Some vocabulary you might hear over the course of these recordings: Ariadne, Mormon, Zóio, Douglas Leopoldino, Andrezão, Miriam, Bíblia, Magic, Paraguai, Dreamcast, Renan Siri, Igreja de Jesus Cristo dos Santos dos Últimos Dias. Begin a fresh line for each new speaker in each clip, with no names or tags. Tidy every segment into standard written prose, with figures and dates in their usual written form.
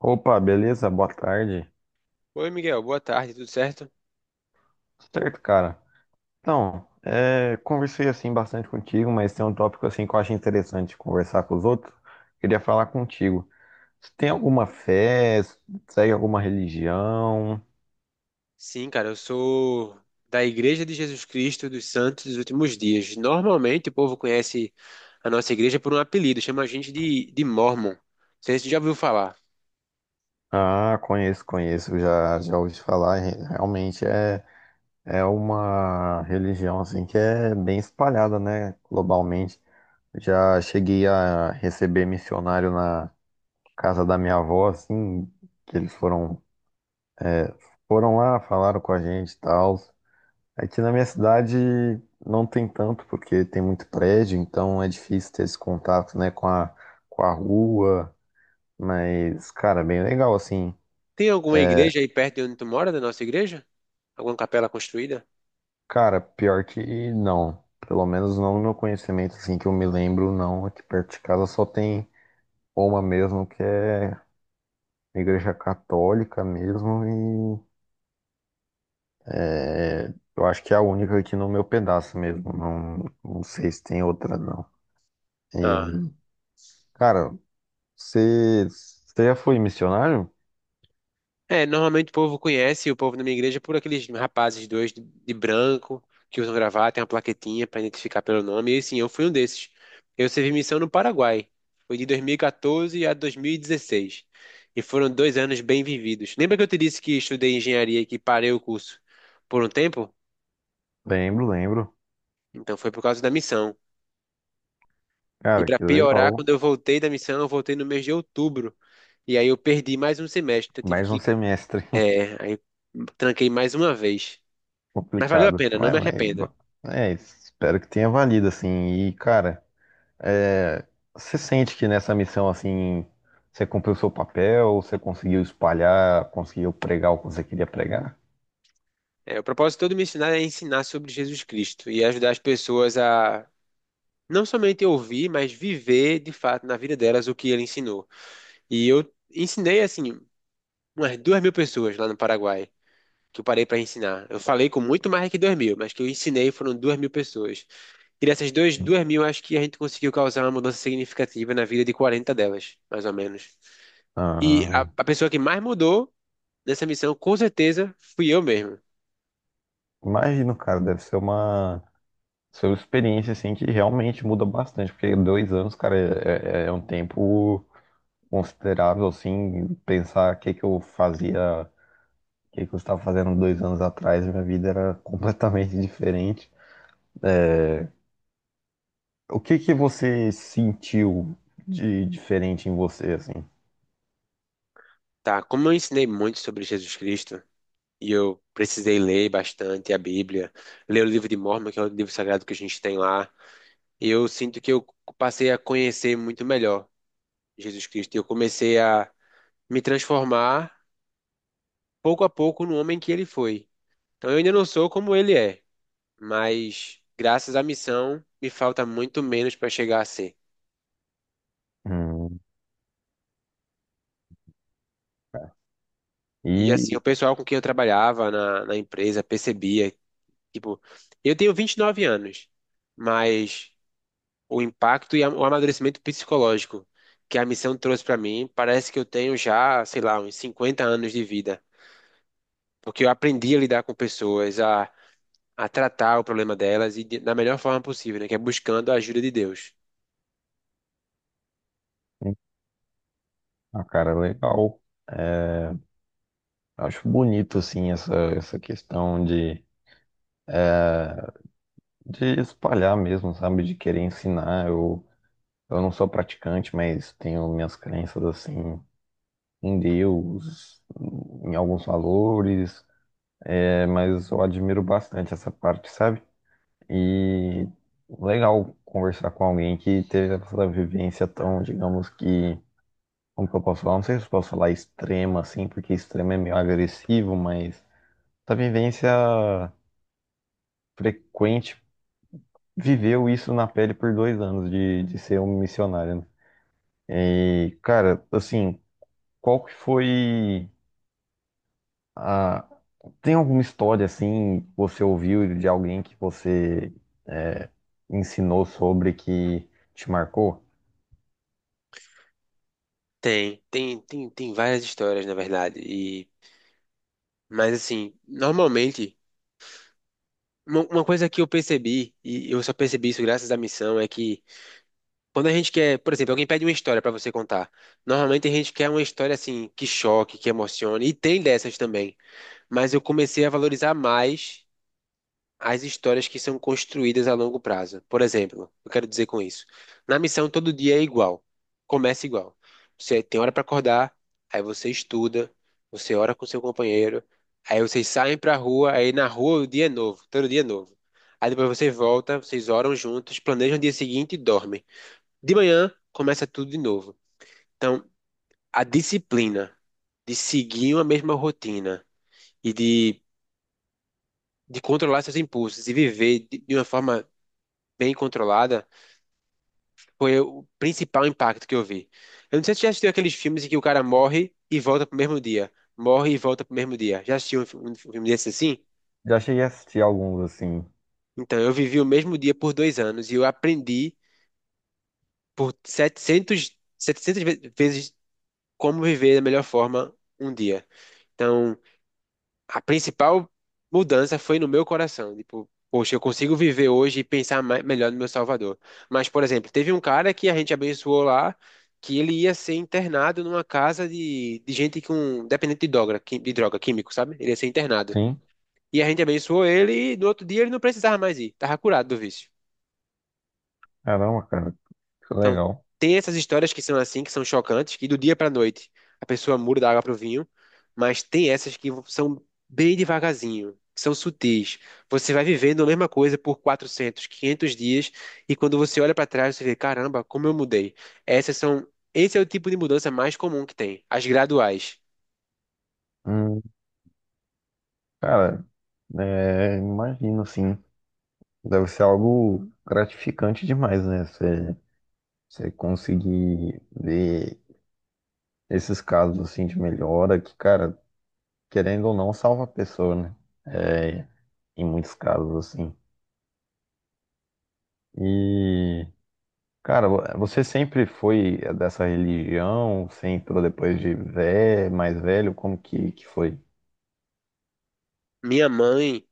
Opa, beleza? Boa tarde.
Oi, Miguel, boa tarde, tudo certo?
Certo, cara. Então, conversei assim bastante contigo, mas tem um tópico assim que eu acho interessante conversar com os outros. Queria falar contigo. Você tem alguma fé? Segue alguma religião?
Sim, cara, eu sou da Igreja de Jesus Cristo dos Santos dos Últimos Dias. Normalmente o povo conhece a nossa igreja por um apelido, chama a gente de Mormon. Não sei se você já ouviu falar.
Ah, conheço, conheço. Já ouvi falar. Realmente é uma religião assim que é bem espalhada, né? Globalmente. Já cheguei a receber missionário na casa da minha avó, assim, que eles foram foram lá, falaram com a gente e tal. Aqui na minha cidade não tem tanto, porque tem muito prédio, então é difícil ter esse contato, né, com a rua. Mas, cara, bem legal, assim.
Tem alguma igreja aí perto de onde tu mora, da nossa igreja? Alguma capela construída?
Cara, pior que não. Pelo menos não no meu conhecimento, assim, que eu me lembro, não. Aqui perto de casa só tem uma mesmo, que é igreja católica mesmo. E eu acho que é a única aqui no meu pedaço mesmo. Não, não sei se tem outra, não.
Ah.
E, cara. Você já foi missionário?
É, normalmente o povo conhece, o povo na minha igreja, por aqueles rapazes dois de branco que usam gravata, tem uma plaquetinha para identificar pelo nome. E sim, eu fui um desses. Eu servi missão no Paraguai. Foi de 2014 a 2016. E dezesseis. E foram dois anos bem vividos. Lembra que eu te disse que estudei engenharia e que parei o curso por um tempo?
Lembro, lembro.
Então foi por causa da missão. E
Cara,
para
que
piorar,
legal.
quando eu voltei da missão, eu voltei no mês de outubro. E aí eu perdi mais um semestre. Então eu tive
Mais um
que.
semestre
É, aí tranquei mais uma vez. Mas valeu a
complicado.
pena, não
Mas,
me arrependa.
mas isso. Espero que tenha valido, assim. E, cara, é, você sente que nessa missão, assim, você cumpriu seu papel, você conseguiu espalhar, conseguiu pregar o que você queria pregar?
É, o propósito todo de me ensinar é ensinar sobre Jesus Cristo e ajudar as pessoas a não somente ouvir, mas viver de fato na vida delas o que ele ensinou. E eu ensinei, assim, umas duas mil pessoas lá no Paraguai que eu parei para ensinar. Eu falei com muito mais que duas mil, mas que eu ensinei foram duas mil pessoas. E dessas duas mil, acho que a gente conseguiu causar uma mudança significativa na vida de 40 delas, mais ou menos. E
Ah,
a pessoa que mais mudou nessa missão, com certeza, fui eu mesmo.
imagino, cara, ser uma experiência assim que realmente muda bastante, porque dois anos, cara, é um tempo considerável, assim, pensar o que que eu fazia, o que que eu estava fazendo dois anos atrás, minha vida era completamente diferente. O que que você sentiu de diferente em você, assim?
Tá, como eu ensinei muito sobre Jesus Cristo, e eu precisei ler bastante a Bíblia, ler o livro de Mormon, que é o livro sagrado que a gente tem lá, eu sinto que eu passei a conhecer muito melhor Jesus Cristo, e eu comecei a me transformar pouco a pouco no homem que ele foi. Então eu ainda não sou como ele é, mas graças à missão me falta muito menos para chegar a ser.
Hum, é,
E assim,
e,
o pessoal com quem eu trabalhava na empresa percebia, tipo, eu tenho 29 anos, mas o impacto e a- o amadurecimento psicológico que a missão trouxe para mim, parece que eu tenho já, sei lá, uns 50 anos de vida, porque eu aprendi a lidar com pessoas, a tratar o problema delas e da melhor forma possível, né, que é buscando a ajuda de Deus.
ah, cara, legal. Acho bonito, assim, essa questão de espalhar mesmo, sabe? De querer ensinar. Eu não sou praticante, mas tenho minhas crenças assim em Deus, em alguns valores, mas eu admiro bastante essa parte, sabe? E legal conversar com alguém que teve essa vivência tão, digamos que, como que eu posso falar? Não sei se eu posso falar extrema assim, porque extrema é meio agressivo, mas essa vivência frequente viveu isso na pele por dois anos de ser um missionário, né? E, cara, assim, qual que foi a... Tem alguma história, assim, que você ouviu de alguém que você é, ensinou sobre que te marcou?
Tem várias histórias, na verdade, e mas assim, normalmente uma coisa que eu percebi e eu só percebi isso graças à missão é que quando a gente quer, por exemplo, alguém pede uma história pra você contar. Normalmente a gente quer uma história assim que choque, que emocione, e tem dessas também. Mas eu comecei a valorizar mais as histórias que são construídas a longo prazo. Por exemplo, eu quero dizer com isso. Na missão todo dia é igual. Começa igual. Você tem hora pra acordar, aí você estuda, você ora com seu companheiro, aí vocês saem pra rua, aí na rua o dia é novo, todo dia é novo. Aí depois você volta, vocês oram juntos, planejam o dia seguinte e dormem. De manhã começa tudo de novo. Então, a disciplina de seguir uma mesma rotina e de controlar seus impulsos e viver de uma forma bem controlada foi o principal impacto que eu vi. Eu não sei se você já assistiu aqueles filmes em que o cara morre e volta pro mesmo dia. Morre e volta pro mesmo dia. Já assistiu um filme desse assim?
Já cheguei a assistir alguns, assim.
Então, eu vivi o mesmo dia por dois anos e eu aprendi por 700, 700 vezes como viver da melhor forma um dia. Então, a principal mudança foi no meu coração. Tipo, poxa, eu consigo viver hoje e pensar mais, melhor no meu Salvador. Mas, por exemplo, teve um cara que a gente abençoou lá, que ele ia ser internado numa casa de gente com dependente de droga, químico, sabe? Ele ia ser internado.
Sim?
E a gente abençoou ele e no outro dia ele não precisava mais ir, tava curado do vício.
Caramba, cara, que
Então,
legal.
tem essas histórias que são assim, que são chocantes, que do dia pra noite a pessoa muda da água pro vinho, mas tem essas que são bem devagarzinho, que são sutis. Você vai vivendo a mesma coisa por 400, 500 dias e quando você olha pra trás você vê, caramba, como eu mudei. Essas são, esse é o tipo de mudança mais comum que tem, as graduais.
Hum, cara, imagino, assim, deve ser algo gratificante demais, né? Você conseguir ver esses casos, assim, de melhora, que, cara... querendo ou não, salva a pessoa, né? É, em muitos casos, assim. E, cara, você sempre foi dessa religião? Você entrou depois de vé mais velho? Como que foi?
Minha mãe,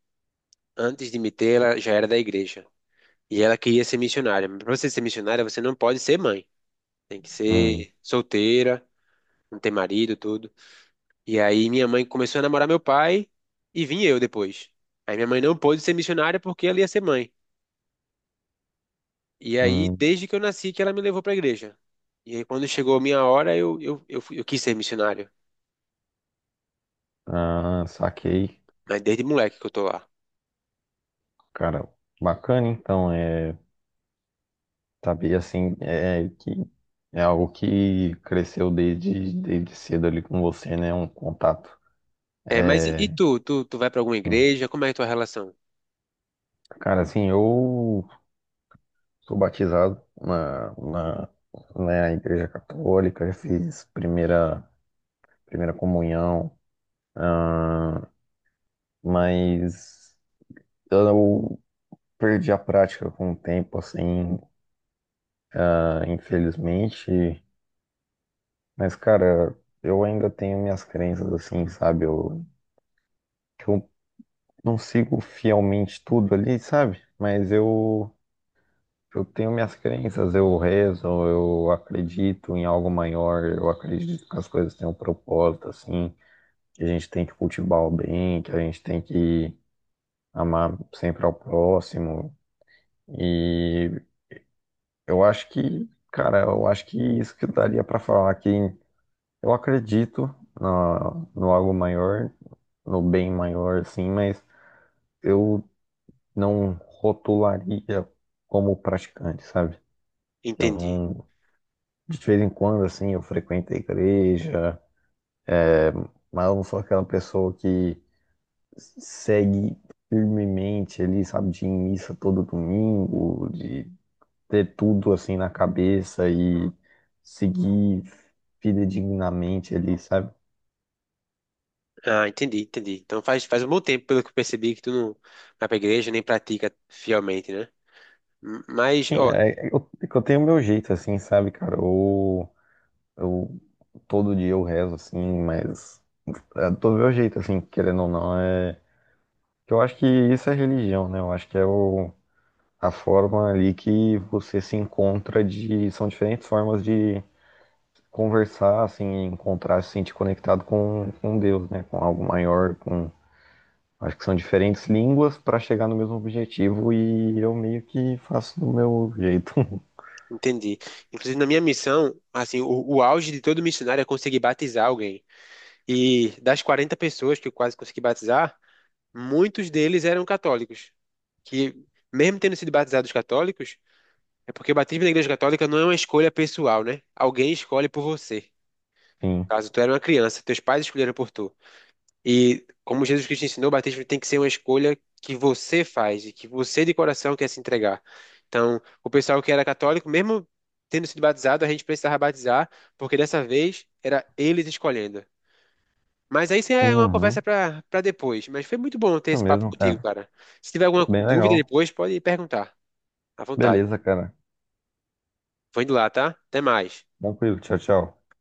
antes de me ter, ela já era da igreja e ela queria ser missionária. Mas pra você ser missionária, você não pode ser mãe. Tem que
Hum,
ser solteira, não ter marido, tudo. E aí minha mãe começou a namorar meu pai e vim eu depois. Aí minha mãe não pôde ser missionária porque ela ia ser mãe. E aí,
hum,
desde que eu nasci, que ela me levou pra igreja. E aí, quando chegou a minha hora, eu quis ser missionário.
ah, saquei.
Mas desde moleque que eu tô lá.
Cara, bacana, então, é, saber, assim, é que é algo que cresceu desde cedo ali com você, né? Um contato.
É, mas e
É,
tu? Tu, tu vai pra alguma
hum.
igreja? Como é a tua relação?
Cara, assim, eu sou batizado na Igreja Católica, já fiz primeira comunhão, mas eu perdi a prática com o tempo, assim, ah, infelizmente. Mas, cara, eu ainda tenho minhas crenças, assim, sabe? Eu não sigo fielmente tudo ali, sabe? Eu tenho minhas crenças, eu rezo, eu acredito em algo maior, eu acredito que as coisas têm um propósito, assim. Que a gente tem que cultivar o bem, que a gente tem que amar sempre ao próximo. E eu acho que, cara, eu acho que isso que daria para falar que eu acredito no algo maior, no bem maior, assim, mas eu não rotularia como praticante, sabe? Eu
Entendi.
não, de vez em quando, assim, eu frequento a igreja, mas eu não sou aquela pessoa que segue firmemente ali, sabe, de ir em missa todo domingo, de ter tudo assim na cabeça e seguir fidedignamente ali, sabe?
Ah, entendi, entendi. Então faz, faz um bom tempo, pelo que eu percebi, que tu não vai pra igreja nem pratica fielmente, né? M- Mas,
Enfim,
ó,
eu tenho meu jeito assim, sabe, cara? Eu todo dia eu rezo assim, mas é do meu jeito assim, querendo ou não, é que eu acho que isso é religião, né? Eu acho que é a forma ali que você se encontra de são diferentes formas de conversar, assim, encontrar, se sentir conectado com Deus, né? Com algo maior, com. Acho que são diferentes línguas para chegar no mesmo objetivo e eu meio que faço do meu jeito.
entendi. Inclusive, na minha missão, assim, o auge de todo missionário é conseguir batizar alguém. E das 40 pessoas que eu quase consegui batizar, muitos deles eram católicos. Que, mesmo tendo sido batizados católicos, é porque o batismo na igreja católica não é uma escolha pessoal, né? Alguém escolhe por você.
Sim.
Caso tu era uma criança, teus pais escolheram por tu. E como Jesus Cristo ensinou, o batismo tem que ser uma escolha que você faz e que você de coração quer se entregar. Então, o pessoal que era católico, mesmo tendo sido batizado, a gente precisava batizar, porque dessa vez era eles escolhendo. Mas aí isso é uma conversa
Uhum.
para depois. Mas foi muito bom ter
Isso
esse papo
mesmo,
contigo,
cara.
cara. Se tiver alguma
Bem
dúvida
legal.
depois, pode perguntar, à vontade.
Beleza, cara.
Vou indo lá, tá? Até mais.
Tranquilo. Tchau, tchau.